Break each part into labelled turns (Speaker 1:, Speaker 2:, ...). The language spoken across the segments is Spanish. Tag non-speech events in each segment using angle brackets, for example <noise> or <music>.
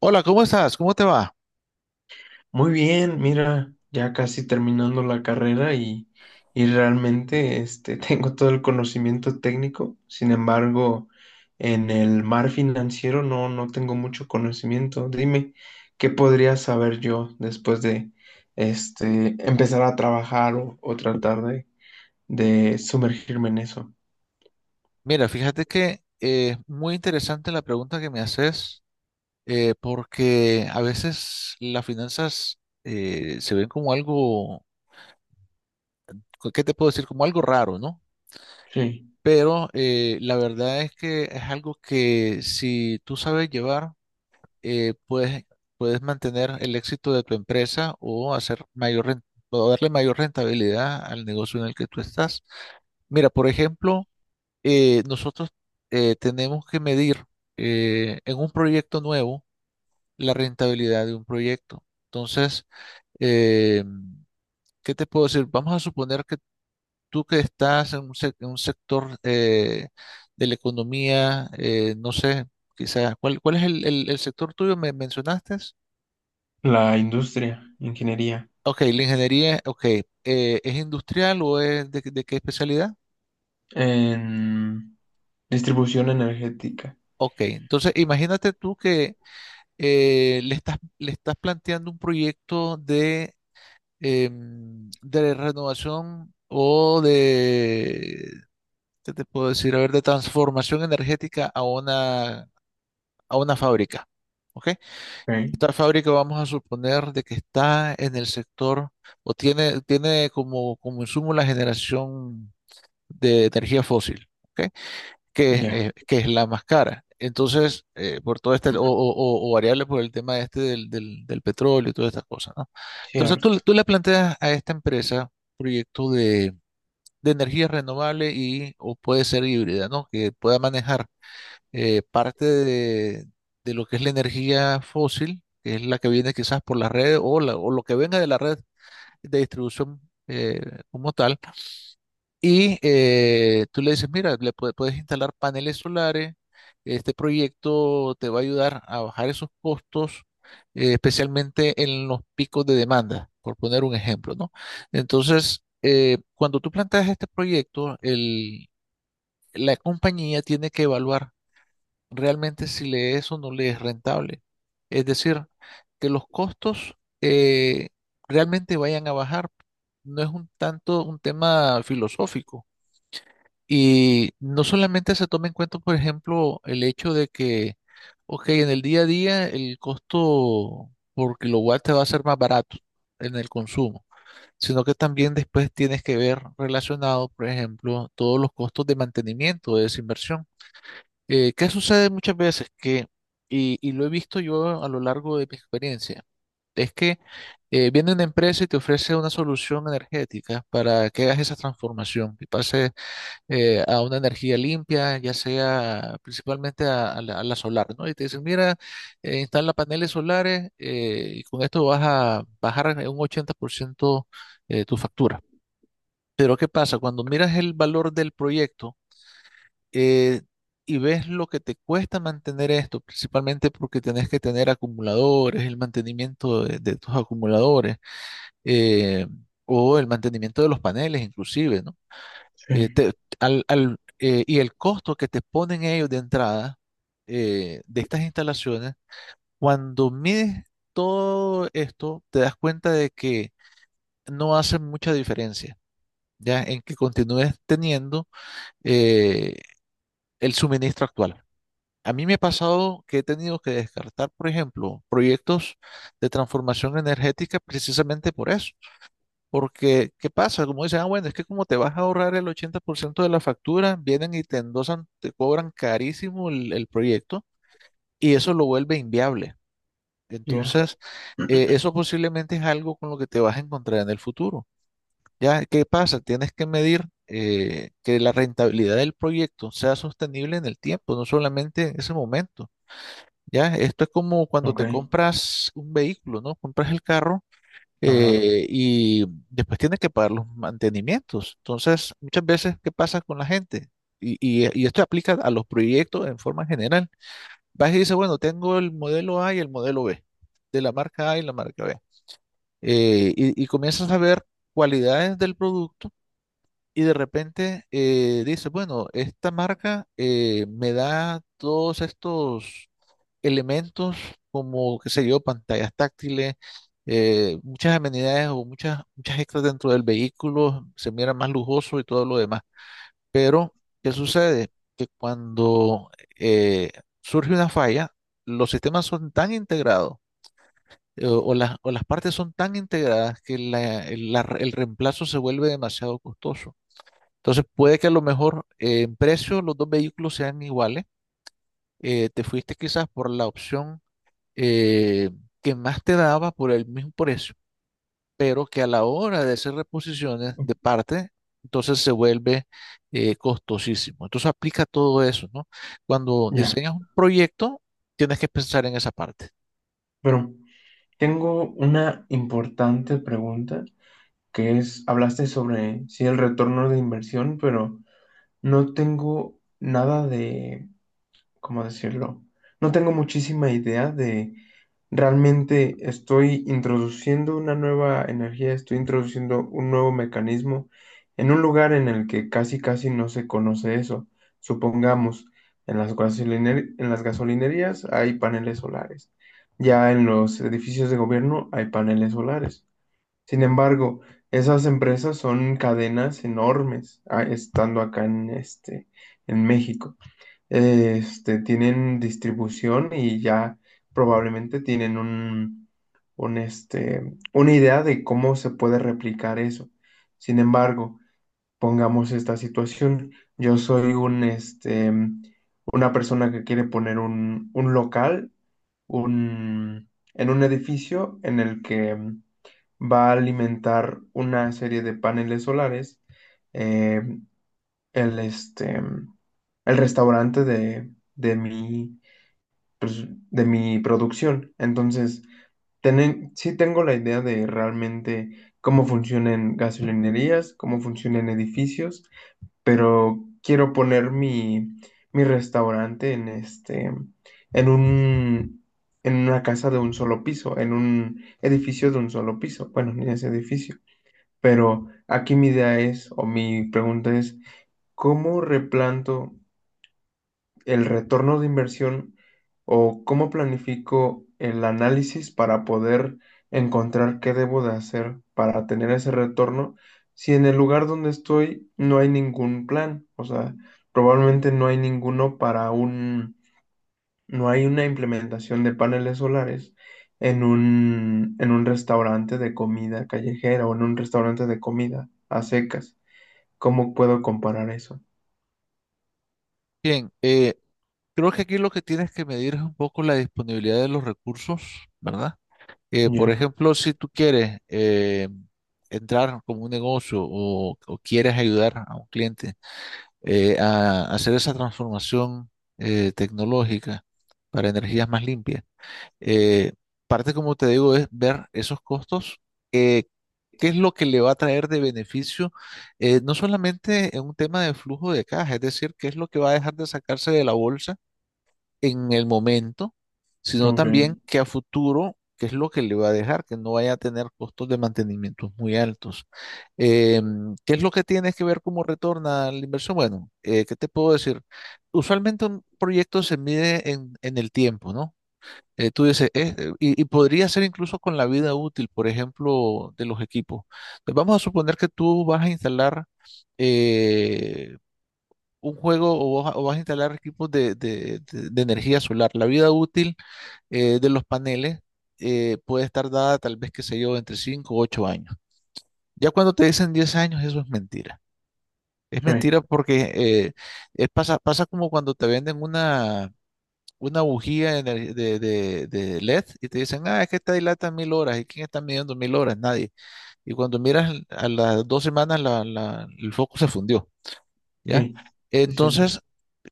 Speaker 1: Hola, ¿cómo estás? ¿Cómo te va?
Speaker 2: Muy bien, mira, ya casi terminando la carrera y realmente <laughs> tengo todo el conocimiento técnico. Sin embargo, en el mar financiero no tengo mucho conocimiento. Dime, ¿qué podría saber yo después de empezar a trabajar o tratar de sumergirme en eso?
Speaker 1: Mira, fíjate que es muy interesante la pregunta que me haces, porque a veces las finanzas se ven como algo, ¿qué te puedo decir? Como algo raro, ¿no?
Speaker 2: Sí,
Speaker 1: Pero la verdad es que es algo que si tú sabes llevar, eh, puedes, puedes mantener el éxito de tu empresa o hacer mayor o darle mayor rentabilidad al negocio en el que tú estás. Mira, por ejemplo, nosotros tenemos que medir en un proyecto nuevo la rentabilidad de un proyecto. Entonces, eh, ¿qué te puedo decir? Vamos a suponer que tú que estás en en un sector de la economía, no sé, quizás, cuál es el sector tuyo? ¿Me mencionaste?
Speaker 2: la industria, ingeniería,
Speaker 1: Ok, la ingeniería, ok, ¿es industrial o es de qué especialidad?
Speaker 2: en distribución energética.
Speaker 1: Ok, entonces imagínate tú que le estás planteando un proyecto de, de renovación o de, ¿qué te puedo decir? A ver, de transformación energética a una fábrica. ¿Ok?
Speaker 2: Ok.
Speaker 1: Esta fábrica vamos a suponer de que está en el sector o tiene como, como insumo la generación de energía fósil. ¿Ok? Que,
Speaker 2: Ya,
Speaker 1: que es la más cara. Entonces, por todo este, o variable por el tema este del petróleo y todas estas cosas, ¿no? Entonces,
Speaker 2: cierto.
Speaker 1: tú le planteas a esta empresa proyecto de energía renovable y, o puede ser híbrida, ¿no? Que pueda manejar parte de lo que es la energía fósil, que es la que viene quizás por la red o, o lo que venga de la red de distribución eh, como tal y tú le dices, mira, puedes instalar paneles solares, este proyecto te va a ayudar a bajar esos costos, especialmente en los picos de demanda, por poner un ejemplo, ¿no? Entonces, cuando tú planteas este proyecto, la compañía tiene que evaluar realmente si le es o no le es rentable. Es decir, que los costos eh, realmente vayan a bajar. No es un tanto un tema filosófico y no solamente se toma en cuenta, por ejemplo, el hecho de que, ok, en el día a día el costo por kilowatt te va a ser más barato en el consumo, sino que también después tienes que ver relacionado, por ejemplo, todos los costos de mantenimiento de esa inversión. ¿Qué sucede muchas veces? Que, y lo he visto yo a lo largo de mi experiencia, es que viene una empresa y te ofrece una solución energética para que hagas esa transformación y pases a una energía limpia, ya sea principalmente a, a la solar, ¿no? Y te dicen, mira, instala paneles solares y con esto vas a bajar en un 80% tu factura. Pero ¿qué pasa? Cuando miras el valor del proyecto eh, y ves lo que te cuesta mantener esto, principalmente porque tenés que tener acumuladores, el mantenimiento de tus acumuladores eh, o el mantenimiento de los paneles inclusive, ¿no? eh,
Speaker 2: Sí.
Speaker 1: te- y el costo que te ponen ellos de entrada de estas instalaciones, cuando mides todo esto, te das cuenta de que no hace mucha diferencia, ya en que continúes teniendo eh, el suministro actual. A mí me ha pasado que he tenido que descartar, por ejemplo, proyectos de transformación energética precisamente por eso. Porque, ¿qué pasa? Como dicen, ah, bueno, es que como te vas a ahorrar el 80% de la factura, vienen y te endosan, te cobran carísimo el proyecto y eso lo vuelve inviable.
Speaker 2: Ya.
Speaker 1: Entonces,
Speaker 2: <clears throat>
Speaker 1: eso posiblemente es algo con lo que te vas a encontrar en el futuro. ¿Ya? ¿Qué pasa? Tienes que medir que la rentabilidad del proyecto sea sostenible en el tiempo, no solamente en ese momento. ¿Ya? Esto es como cuando
Speaker 2: Ok.
Speaker 1: te compras un vehículo, ¿no? Compras el carro
Speaker 2: Ajá.
Speaker 1: y después tiene que pagar los mantenimientos. Entonces, muchas veces, ¿qué pasa con la gente? Y esto aplica a los proyectos en forma general. Vas y dices, bueno, tengo el modelo A y el modelo B, de la marca A y la marca B. Y comienzas a ver cualidades del producto y de repente dices, bueno, esta marca me da todos estos elementos como, qué sé yo, pantallas táctiles, muchas amenidades o muchas extras dentro del vehículo, se mira más lujoso y todo lo demás. Pero, ¿qué sucede? Que cuando eh, surge una falla, los sistemas son tan integrados o las partes son tan integradas que el reemplazo se vuelve demasiado costoso. Entonces puede que a lo mejor en precio los dos vehículos sean iguales. Te fuiste quizás por la opción eh, que más te daba por el mismo precio, pero que a la hora de hacer reposiciones de parte, entonces se vuelve costosísimo. Entonces aplica todo eso, ¿no? Cuando
Speaker 2: Ya.
Speaker 1: diseñas un proyecto, tienes que pensar en esa parte.
Speaker 2: Pero tengo una importante pregunta, que es, hablaste sobre, sí, el retorno de inversión, pero no tengo nada de, ¿cómo decirlo? No tengo muchísima idea de realmente estoy introduciendo una nueva energía, estoy introduciendo un nuevo mecanismo en un lugar en el que casi casi no se conoce eso. Supongamos, en las en las gasolinerías hay paneles solares. Ya en los edificios de gobierno hay paneles solares. Sin embargo, esas empresas son cadenas enormes. Ah, estando acá en este, en México tienen distribución y ya probablemente tienen una idea de cómo se puede replicar eso. Sin embargo, pongamos esta situación. Yo soy una persona que quiere poner un local en un edificio en el que va a alimentar una serie de paneles solares. Eh, el, este, el restaurante de mi producción. Entonces, sí tengo la idea de realmente cómo funcionan gasolinerías, cómo funcionan edificios, pero quiero poner mi restaurante en un, en una casa de un solo piso, en un edificio de un solo piso. Bueno, ni ese edificio. Pero aquí mi idea es, o mi pregunta es, ¿cómo replanto el retorno de inversión o cómo planifico el análisis para poder encontrar qué debo de hacer para tener ese retorno si en el lugar donde estoy no hay ningún plan? O sea, probablemente no hay ninguno para no hay una implementación de paneles solares en un restaurante de comida callejera o en un restaurante de comida a secas. ¿Cómo puedo comparar eso?
Speaker 1: Bien, creo que aquí lo que tienes que medir es un poco la disponibilidad de los recursos, ¿verdad? Por
Speaker 2: Ya.
Speaker 1: ejemplo, si tú quieres entrar como un negocio o quieres ayudar a un cliente a hacer esa transformación tecnológica para energías más limpias. Eh, parte, como te digo, es ver esos costos, eh, qué es lo que le va a traer de beneficio, no solamente en un tema de flujo de caja, es decir, qué es lo que va a dejar de sacarse de la bolsa en el momento, sino
Speaker 2: Ok.
Speaker 1: también que a futuro, qué es lo que le va a dejar, que no vaya a tener costos de mantenimiento muy altos. Eh, ¿Qué es lo que tienes que ver cómo retorna la inversión? Bueno, ¿qué te puedo decir? Usualmente un proyecto se mide en el tiempo, ¿no? Tú dices, y podría ser incluso con la vida útil, por ejemplo, de los equipos. Entonces, vamos a suponer que tú vas a instalar eh, un juego o vas a instalar equipos de energía solar. La vida útil de los paneles puede estar dada tal vez, qué sé yo, entre 5 o 8 años. Ya cuando te dicen 10 años, eso es mentira. Es
Speaker 2: Sí,
Speaker 1: mentira porque es pasa, pasa como cuando te venden una bujía de, ener- de LED y te dicen, ah, es que esta dilata 1000 horas. ¿Y quién está midiendo 1000 horas? Nadie. Y cuando miras a las dos semanas, el foco se fundió. ¿Ya?
Speaker 2: sí, sí, sí, sí.
Speaker 1: Entonces,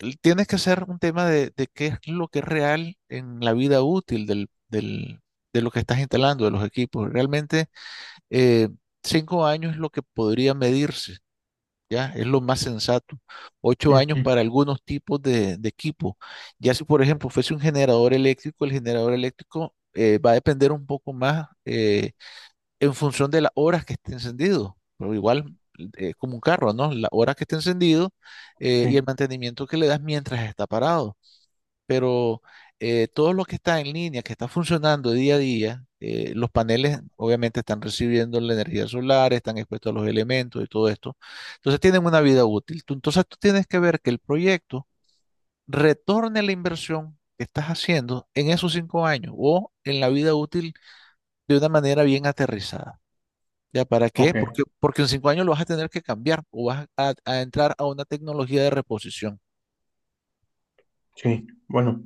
Speaker 1: tienes que hacer un tema de qué es lo que es real en la vida útil de lo que estás instalando, de los equipos. Realmente, eh, 5 años es lo que podría medirse, ¿ya? Es lo más sensato. 8 años
Speaker 2: Ujú.
Speaker 1: para algunos tipos de equipo. Ya si, por ejemplo, fuese un generador eléctrico, el generador eléctrico va a depender un poco más. En función de las horas que esté encendido. Pero igual es como un carro, ¿no? Las horas que esté encendido y el
Speaker 2: Sí.
Speaker 1: mantenimiento que le das mientras está parado. Pero todo lo que está en línea, que está funcionando día a día, los paneles obviamente están recibiendo la energía solar, están expuestos a los elementos y todo esto. Entonces tienen una vida útil. Entonces tú tienes que ver que el proyecto retorne la inversión que estás haciendo en esos 5 años o en la vida útil de una manera bien aterrizada. ¿Ya para qué?
Speaker 2: Ok.
Speaker 1: Porque, porque en 5 años lo vas a tener que cambiar o vas a entrar a una tecnología de reposición.
Speaker 2: Sí, bueno,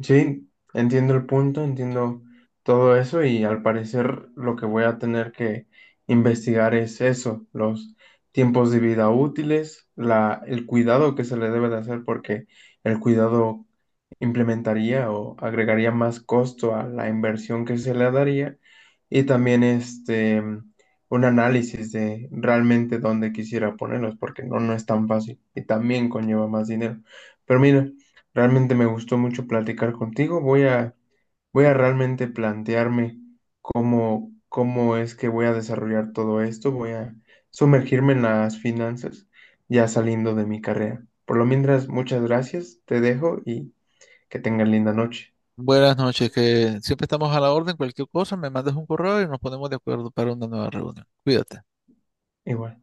Speaker 2: sí, entiendo el punto, entiendo todo eso, y al parecer lo que voy a tener que investigar es eso, los tiempos de vida útiles, la, el cuidado que se le debe de hacer, porque el cuidado implementaría o agregaría más costo a la inversión que se le daría, y también un análisis de realmente dónde quisiera ponerlos porque no es tan fácil y también conlleva más dinero. Pero mira, realmente me gustó mucho platicar contigo. Voy a realmente plantearme cómo es que voy a desarrollar todo esto. Voy a sumergirme en las finanzas ya saliendo de mi carrera. Por lo mientras, muchas gracias, te dejo y que tengan linda noche.
Speaker 1: Buenas noches, que siempre estamos a la orden. Cualquier cosa, me mandas un correo y nos ponemos de acuerdo para una nueva reunión. Cuídate.
Speaker 2: Igual.